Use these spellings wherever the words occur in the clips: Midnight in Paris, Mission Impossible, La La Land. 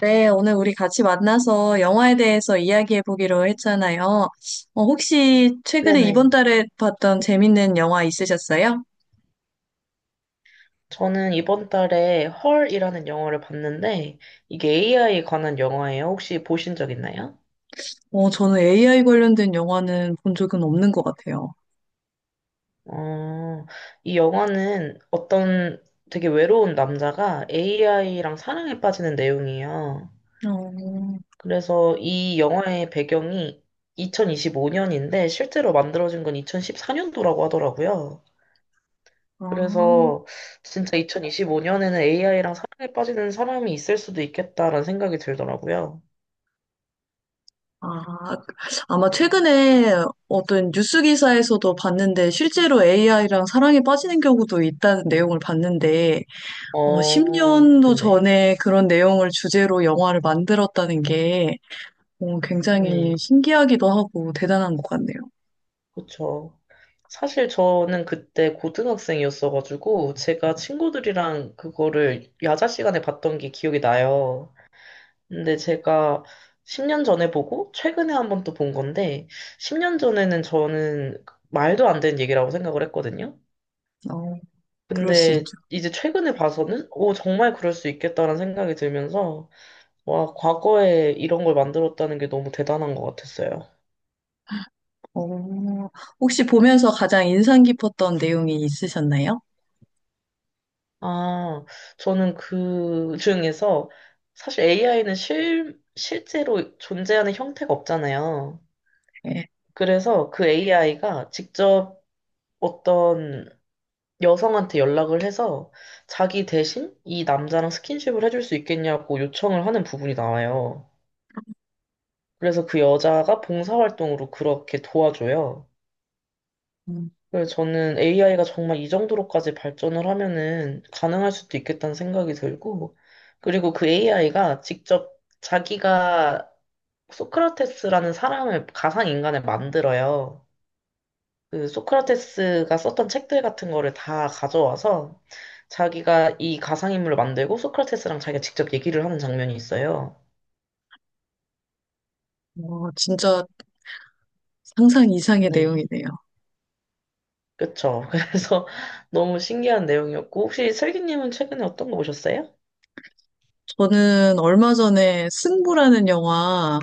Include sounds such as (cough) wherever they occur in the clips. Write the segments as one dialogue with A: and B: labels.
A: 네, 오늘 우리 같이 만나서 영화에 대해서 이야기해 보기로 했잖아요. 혹시 최근에 이번
B: 네네.
A: 달에 봤던 재밌는 영화 있으셨어요?
B: 저는 이번 달에 헐이라는 영화를 봤는데, 이게 AI에 관한 영화예요. 혹시 보신 적 있나요?
A: 저는 AI 관련된 영화는 본 적은 없는 것 같아요.
B: 어, 이 영화는 어떤 되게 외로운 남자가 AI랑 사랑에 빠지는 내용이에요.
A: 어,
B: 그래서 이 영화의 배경이 2025년인데, 실제로 만들어진 건 2014년도라고 하더라고요.
A: 아,
B: 그래서 진짜 2025년에는 AI랑 사랑에 빠지는 사람이 있을 수도 있겠다라는 생각이 들더라고요.
A: 아, 아마 최근에 어떤 뉴스 기사에서도 봤는데 실제로 AI랑 사랑에 빠지는 경우도 있다는 내용을 봤는데
B: 어,
A: 10년도
B: 네.
A: 전에 그런 내용을 주제로 영화를 만들었다는 게 굉장히
B: 네.
A: 신기하기도 하고 대단한 것 같네요.
B: 그쵸. 사실 저는 그때 고등학생이었어가지고, 제가 친구들이랑 그거를 야자 시간에 봤던 게 기억이 나요. 근데 제가 10년 전에 보고, 최근에 한번 또 본 건데, 10년 전에는 저는 말도 안 되는 얘기라고 생각을 했거든요.
A: 어, 그럴 수
B: 근데
A: 있죠.
B: 이제 최근에 봐서는, 오, 정말 그럴 수 있겠다라는 생각이 들면서, 와, 과거에 이런 걸 만들었다는 게 너무 대단한 것 같았어요.
A: 어, 혹시 보면서 가장 인상 깊었던 내용이 있으셨나요?
B: 아, 저는 그 중에서 사실 AI는 실제로 존재하는 형태가 없잖아요.
A: 네.
B: 그래서 그 AI가 직접 어떤 여성한테 연락을 해서 자기 대신 이 남자랑 스킨십을 해줄 수 있겠냐고 요청을 하는 부분이 나와요. 그래서 그 여자가 봉사활동으로 그렇게 도와줘요.
A: 음,
B: 그래서 저는 AI가 정말 이 정도로까지 발전을 하면은 가능할 수도 있겠다는 생각이 들고, 그리고 그 AI가 직접 자기가 소크라테스라는 사람을, 가상인간을 만들어요. 그 소크라테스가 썼던 책들 같은 거를 다 가져와서 자기가 이 가상인물을 만들고 소크라테스랑 자기가 직접 얘기를 하는 장면이 있어요.
A: 진짜 상상 이상의
B: 네.
A: 내용이네요.
B: 그쵸. (laughs) 그래서 너무 신기한 내용이었고, 혹시 슬기님은 최근에 어떤 거 보셨어요?
A: 저는 얼마 전에 승부라는 영화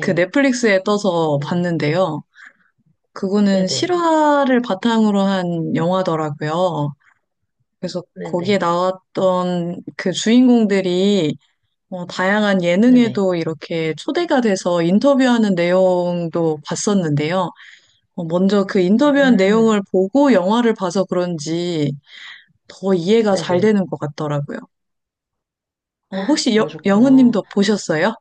A: 그 넷플릭스에 떠서
B: 네네.
A: 봤는데요. 그거는
B: 네네.
A: 실화를 바탕으로 한 영화더라고요. 그래서 거기에
B: 네네.
A: 나왔던 그 주인공들이 다양한
B: 네네.
A: 예능에도 이렇게 초대가 돼서 인터뷰하는 내용도 봤었는데요. 먼저 그 인터뷰한
B: 음,
A: 내용을 보고 영화를 봐서 그런지 더 이해가 잘
B: 네네.
A: 되는 것 같더라고요.
B: 헉,
A: 혹시
B: 그러셨구나.
A: 영은님도 보셨어요?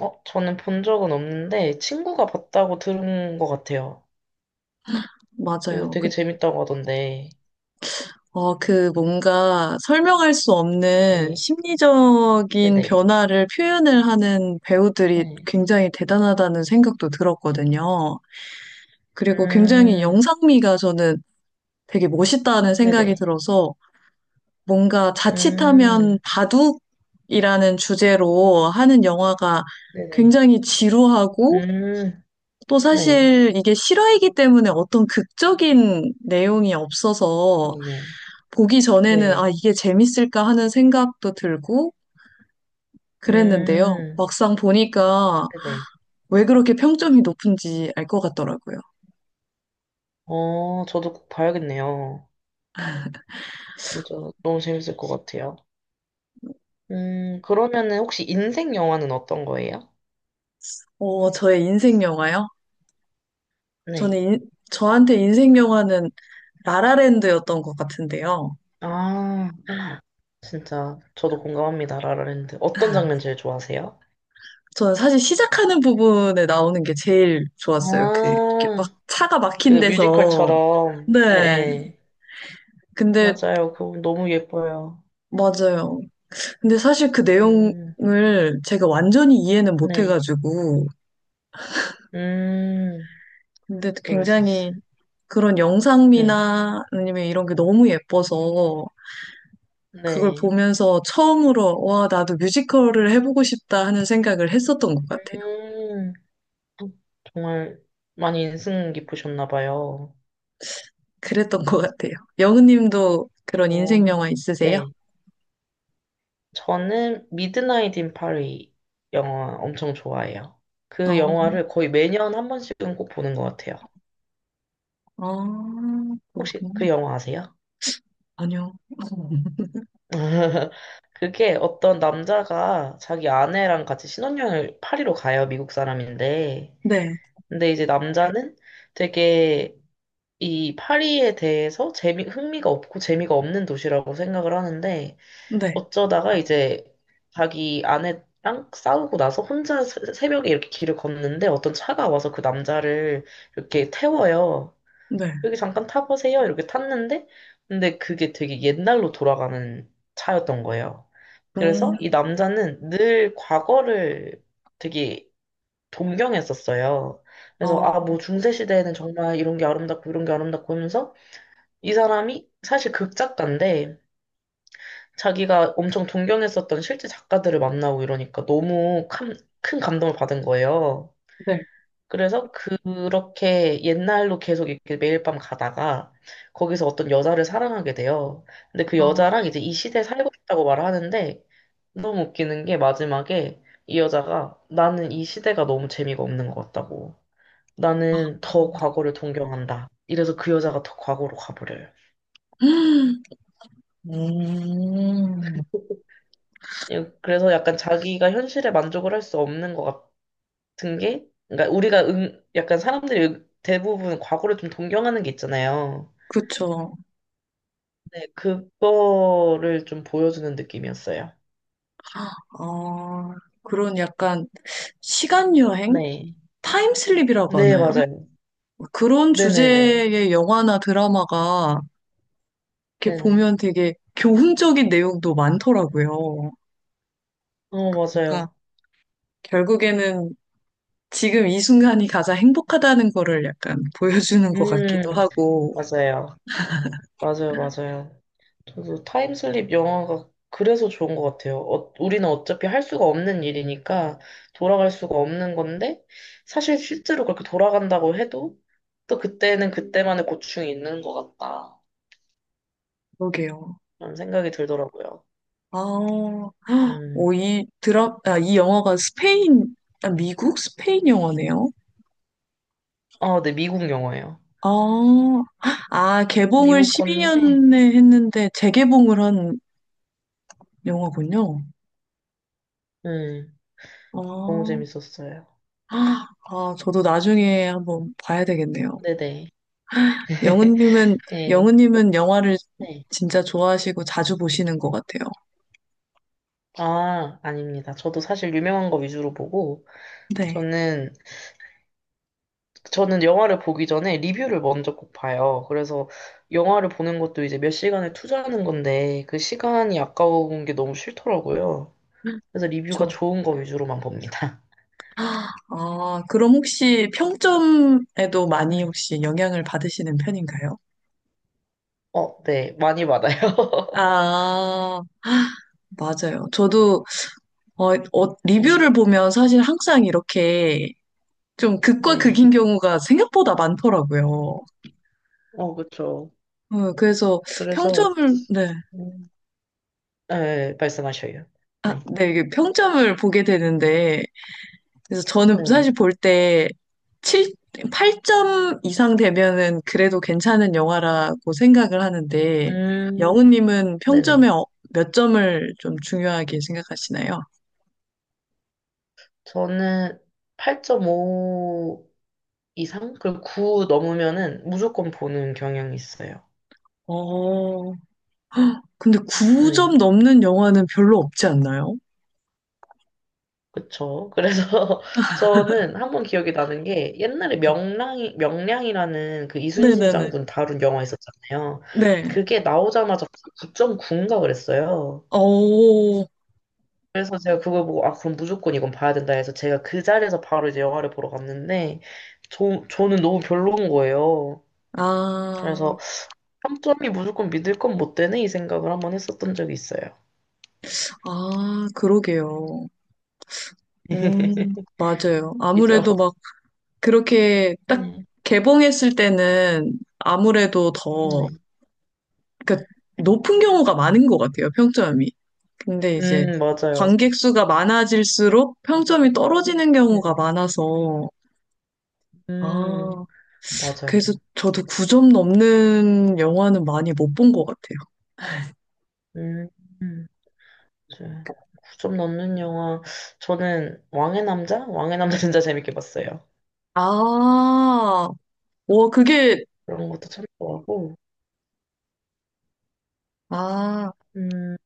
B: 어, 저는 본 적은 없는데, 친구가 봤다고 들은 것 같아요. 그
A: 맞아요.
B: 되게
A: 그,
B: 재밌다고 하던데.
A: 그 뭔가 설명할 수 없는
B: 네.
A: 심리적인
B: 네네.
A: 변화를 표현을 하는 배우들이
B: 네.
A: 굉장히 대단하다는 생각도 들었거든요. 그리고 굉장히
B: 음,
A: 영상미가 저는 되게 멋있다는 생각이
B: 네네.
A: 들어서 뭔가 자칫하면
B: 음,
A: 바둑이라는 주제로 하는 영화가
B: 네네.
A: 굉장히 지루하고
B: 음,
A: 또
B: 네.
A: 사실 이게 실화이기 때문에 어떤 극적인 내용이 없어서
B: 네네.
A: 보기 전에는
B: 네.
A: 아, 이게 재밌을까 하는 생각도 들고 그랬는데요.
B: 음,
A: 막상 보니까
B: 네네.
A: 왜 그렇게 평점이 높은지 알 것 같더라고요.
B: 어, 저도 꼭 봐야겠네요. 진짜 너무 재밌을 것 같아요. 그러면은 혹시 인생 영화는 어떤 거예요?
A: 저의 인생 영화요? 저는
B: 네.
A: 저한테 인생 영화는 라라랜드였던 것 같은데요.
B: 아, 진짜 저도 공감합니다. 라라랜드. 어떤 장면 제일 좋아하세요?
A: 저는 사실 시작하는 부분에 나오는 게 제일 좋았어요. 그, 이렇게
B: 아,
A: 막 차가
B: 그
A: 막힌 데서.
B: 뮤지컬처럼. 예,
A: 네.
B: 예.
A: 근데,
B: 맞아요. 그거 너무 예뻐요.
A: 맞아요. 근데 사실 그
B: 음,
A: 내용을 제가 완전히 이해는 못
B: 네.
A: 해가지고.
B: 음,
A: 근데
B: 그럴 수
A: 굉장히
B: 있어요.
A: 그런
B: 네.
A: 영상미나 아니면 이런 게 너무 예뻐서 그걸
B: 네.
A: 보면서 처음으로, 와, 나도 뮤지컬을 해보고 싶다 하는 생각을 했었던 것 같아요.
B: 음, 정말 많이 인상 깊으셨나 봐요.
A: 그랬던 것 같아요. 영은님도 그런
B: 어,
A: 인생 영화 있으세요?
B: 네. 저는 미드나잇 인 파리 영화 엄청 좋아해요. 그
A: 어
B: 영화를 거의 매년 한 번씩은 꼭 보는 것 같아요.
A: 아,
B: 혹시
A: 그렇군요.
B: 그 영화 아세요?
A: 아니요. (laughs)
B: (laughs) 그게 어떤 남자가 자기 아내랑 같이 신혼여행을 파리로 가요, 미국 사람인데.
A: 네,
B: 근데 이제 남자는 되게 이 파리에 대해서 재미, 흥미가 없고 재미가 없는 도시라고 생각을 하는데
A: 네,
B: 어쩌다가 이제 자기 아내랑 싸우고 나서 혼자 새벽에 이렇게 길을 걷는데 어떤 차가 와서 그 남자를 이렇게 태워요.
A: 네.
B: 여기 잠깐 타보세요. 이렇게 탔는데 근데 그게 되게 옛날로 돌아가는 차였던 거예요.
A: 음,
B: 그래서 이 남자는 늘 과거를 되게 동경했었어요. 그래서
A: 아,
B: 아, 뭐 중세 시대에는 정말 이런 게 아름답고 이런 게 아름답고 하면서 이 사람이 사실 극작가인데 자기가 엄청 동경했었던 실제 작가들을 만나고 이러니까 너무 큰 감동을 받은 거예요.
A: 네,
B: 그래서 그렇게 옛날로 계속 이렇게 매일 밤 가다가 거기서 어떤 여자를 사랑하게 돼요. 근데 그
A: 아,
B: 여자랑 이제 이 시대에 살고 싶다고 말하는데 너무 웃기는 게 마지막에 이 여자가 나는 이 시대가 너무 재미가 없는 것 같다고.
A: 아.
B: 나는 더 과거를 동경한다. 이래서 그 여자가 더 과거로 가버려요.
A: (gasps) 음,
B: 예, 그래서 약간 자기가 현실에 만족을 할 수 없는 것 같은 게, 그러니까 우리가 응, 약간 사람들이 대부분 과거를 좀 동경하는 게 있잖아요.
A: 그쵸.
B: 네, 그거를 좀 보여주는 느낌이었어요.
A: 아, 그런 약간 시간 여행?
B: 네.
A: 타임슬립이라고
B: 네,
A: 하나요?
B: 맞아요.
A: 그런
B: 네네네.
A: 주제의 영화나 드라마가 이렇게
B: 네네.
A: 보면 되게 교훈적인 내용도 많더라고요.
B: 어,
A: 그러니까
B: 맞아요.
A: 결국에는 지금 이 순간이 가장 행복하다는 거를 약간 보여주는 것 같기도
B: 음,
A: 하고,
B: 맞아요. 맞아요, 맞아요. 저도 타임슬립 영화가 그래서 좋은 것 같아요. 어, 우리는 어차피 할 수가 없는 일이니까 돌아갈 수가 없는 건데, 사실 실제로 그렇게 돌아간다고 해도 또 그때는 그때만의 고충이 있는 것 같다.
A: 그러게요.
B: 그런 생각이 들더라고요.
A: 아, 오,
B: 음.
A: 이 영화가 스페인, 아, 미국? 스페인 영화네요.
B: 아, 네, 미국 영화예요.
A: 아, 아, 개봉을
B: 미국 건데,
A: 12년에 했는데 재개봉을 한 영화군요.
B: 음, 너무
A: 아,
B: 재밌었어요.
A: 아, 저도 나중에 한번 봐야 되겠네요.
B: 네네. (laughs)
A: 영은님은,
B: 네.
A: 영은님은 영화를
B: 네.
A: 진짜 좋아하시고 자주 보시는 것 같아요.
B: 아, 아닙니다. 저도 사실 유명한 거 위주로 보고,
A: 네,
B: 저는, 저는 영화를 보기 전에 리뷰를 먼저 꼭 봐요. 그래서 영화를 보는 것도 이제 몇 시간을 투자하는 건데, 그 시간이 아까운 게 너무 싫더라고요. 그래서 리뷰가
A: 그렇죠.
B: 좋은 거 위주로만 봅니다.
A: 아, 그럼 혹시 평점에도 많이
B: 네.
A: 혹시 영향을 받으시는 편인가요?
B: 어, 네. 많이 받아요. (laughs)
A: 아, 맞아요. 저도
B: 네.
A: 리뷰를 보면 사실 항상 이렇게 좀 극과
B: 네.
A: 극인 경우가 생각보다 많더라고요.
B: 어, 그쵸.
A: 그래서
B: 그래서,
A: 평점을, 네.
B: 음, 네, 말씀하셔요.
A: 아,
B: 네.
A: 네, 이게 평점을 보게 되는데, 그래서 저는
B: 네.
A: 사실 볼 때, 칠 8점 이상 되면은 그래도 괜찮은 영화라고 생각을 하는데,
B: 음,
A: 영우님은 평점에
B: 네네.
A: 몇 점을 좀 중요하게 생각하시나요?
B: 저는 8.5 이상? 그리고 9 넘으면은 무조건 보는 경향이 있어요.
A: 어, 근데
B: 네.
A: 9점 넘는 영화는 별로 없지 않나요?
B: 그쵸. 그래서 (laughs) 저는 한 번 기억이 나는 게 옛날에
A: 네.
B: 명량이라는 그 이순신
A: 네네네.
B: 장군 다룬 영화 있었잖아요.
A: 네.
B: 그게 나오자마자 9.9인가 그랬어요.
A: 오,
B: 그래서 제가 그걸 보고, 아, 그럼 무조건 이건 봐야 된다 해서 제가 그 자리에서 바로 이제 영화를 보러 갔는데, 저는 너무 별로인 거예요.
A: 아,
B: 그래서 3점이 무조건 믿을 건 못 되네? 이 생각을 한번 했었던 적이 있어요.
A: 아, 그러게요.
B: (laughs)
A: 맞아요.
B: 그죠?
A: 아무래도 막 그렇게 딱
B: 네.
A: 개봉했을 때는 아무래도 더,
B: 네.
A: 그러니까 높은 경우가 많은 것 같아요, 평점이. 근데 이제
B: 맞아요.
A: 관객 수가 많아질수록 평점이 떨어지는 경우가
B: 네.
A: 많아서, 아,
B: 음,
A: 그래서
B: 맞아요.
A: 저도 9점 넘는 영화는 많이 못 본 것 같아요.
B: 음, 음, 맞아요. 9점 넣는 영화. 저는 왕의 남자? 왕의 남자 진짜 재밌게 봤어요.
A: 아, 와, 그게,
B: 그런 것도 참 좋아하고.
A: 아,
B: 음,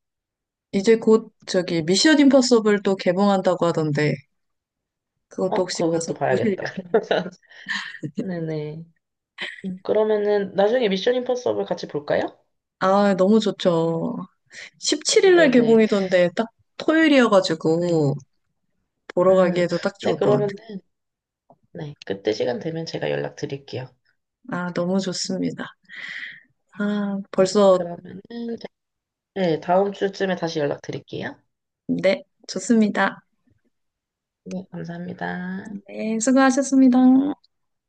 A: 이제 곧 저기 미션 임파서블 또 개봉한다고 하던데, 그것도
B: 어,
A: 혹시 가서
B: 그것도
A: 보실 일이
B: 봐야겠다.
A: 있으세요?
B: (laughs)
A: (laughs)
B: 네네. 그러면은 나중에 미션 임파서블 같이 볼까요?
A: 아, 너무 좋죠. 17일 날
B: 네네.
A: 개봉이던데, 딱
B: 네.
A: 토요일이어가지고, 보러
B: 음,
A: 가기에도 딱
B: 네,
A: 좋을 것 같아요.
B: 그러면은, 네. 그때 시간 되면 제가 연락드릴게요.
A: 아, 너무 좋습니다. 아,
B: 네.
A: 벌써,
B: 그러면은, 네. 다음 주쯤에 다시 연락드릴게요.
A: 네, 좋습니다.
B: 네. 감사합니다.
A: 네, 수고하셨습니다.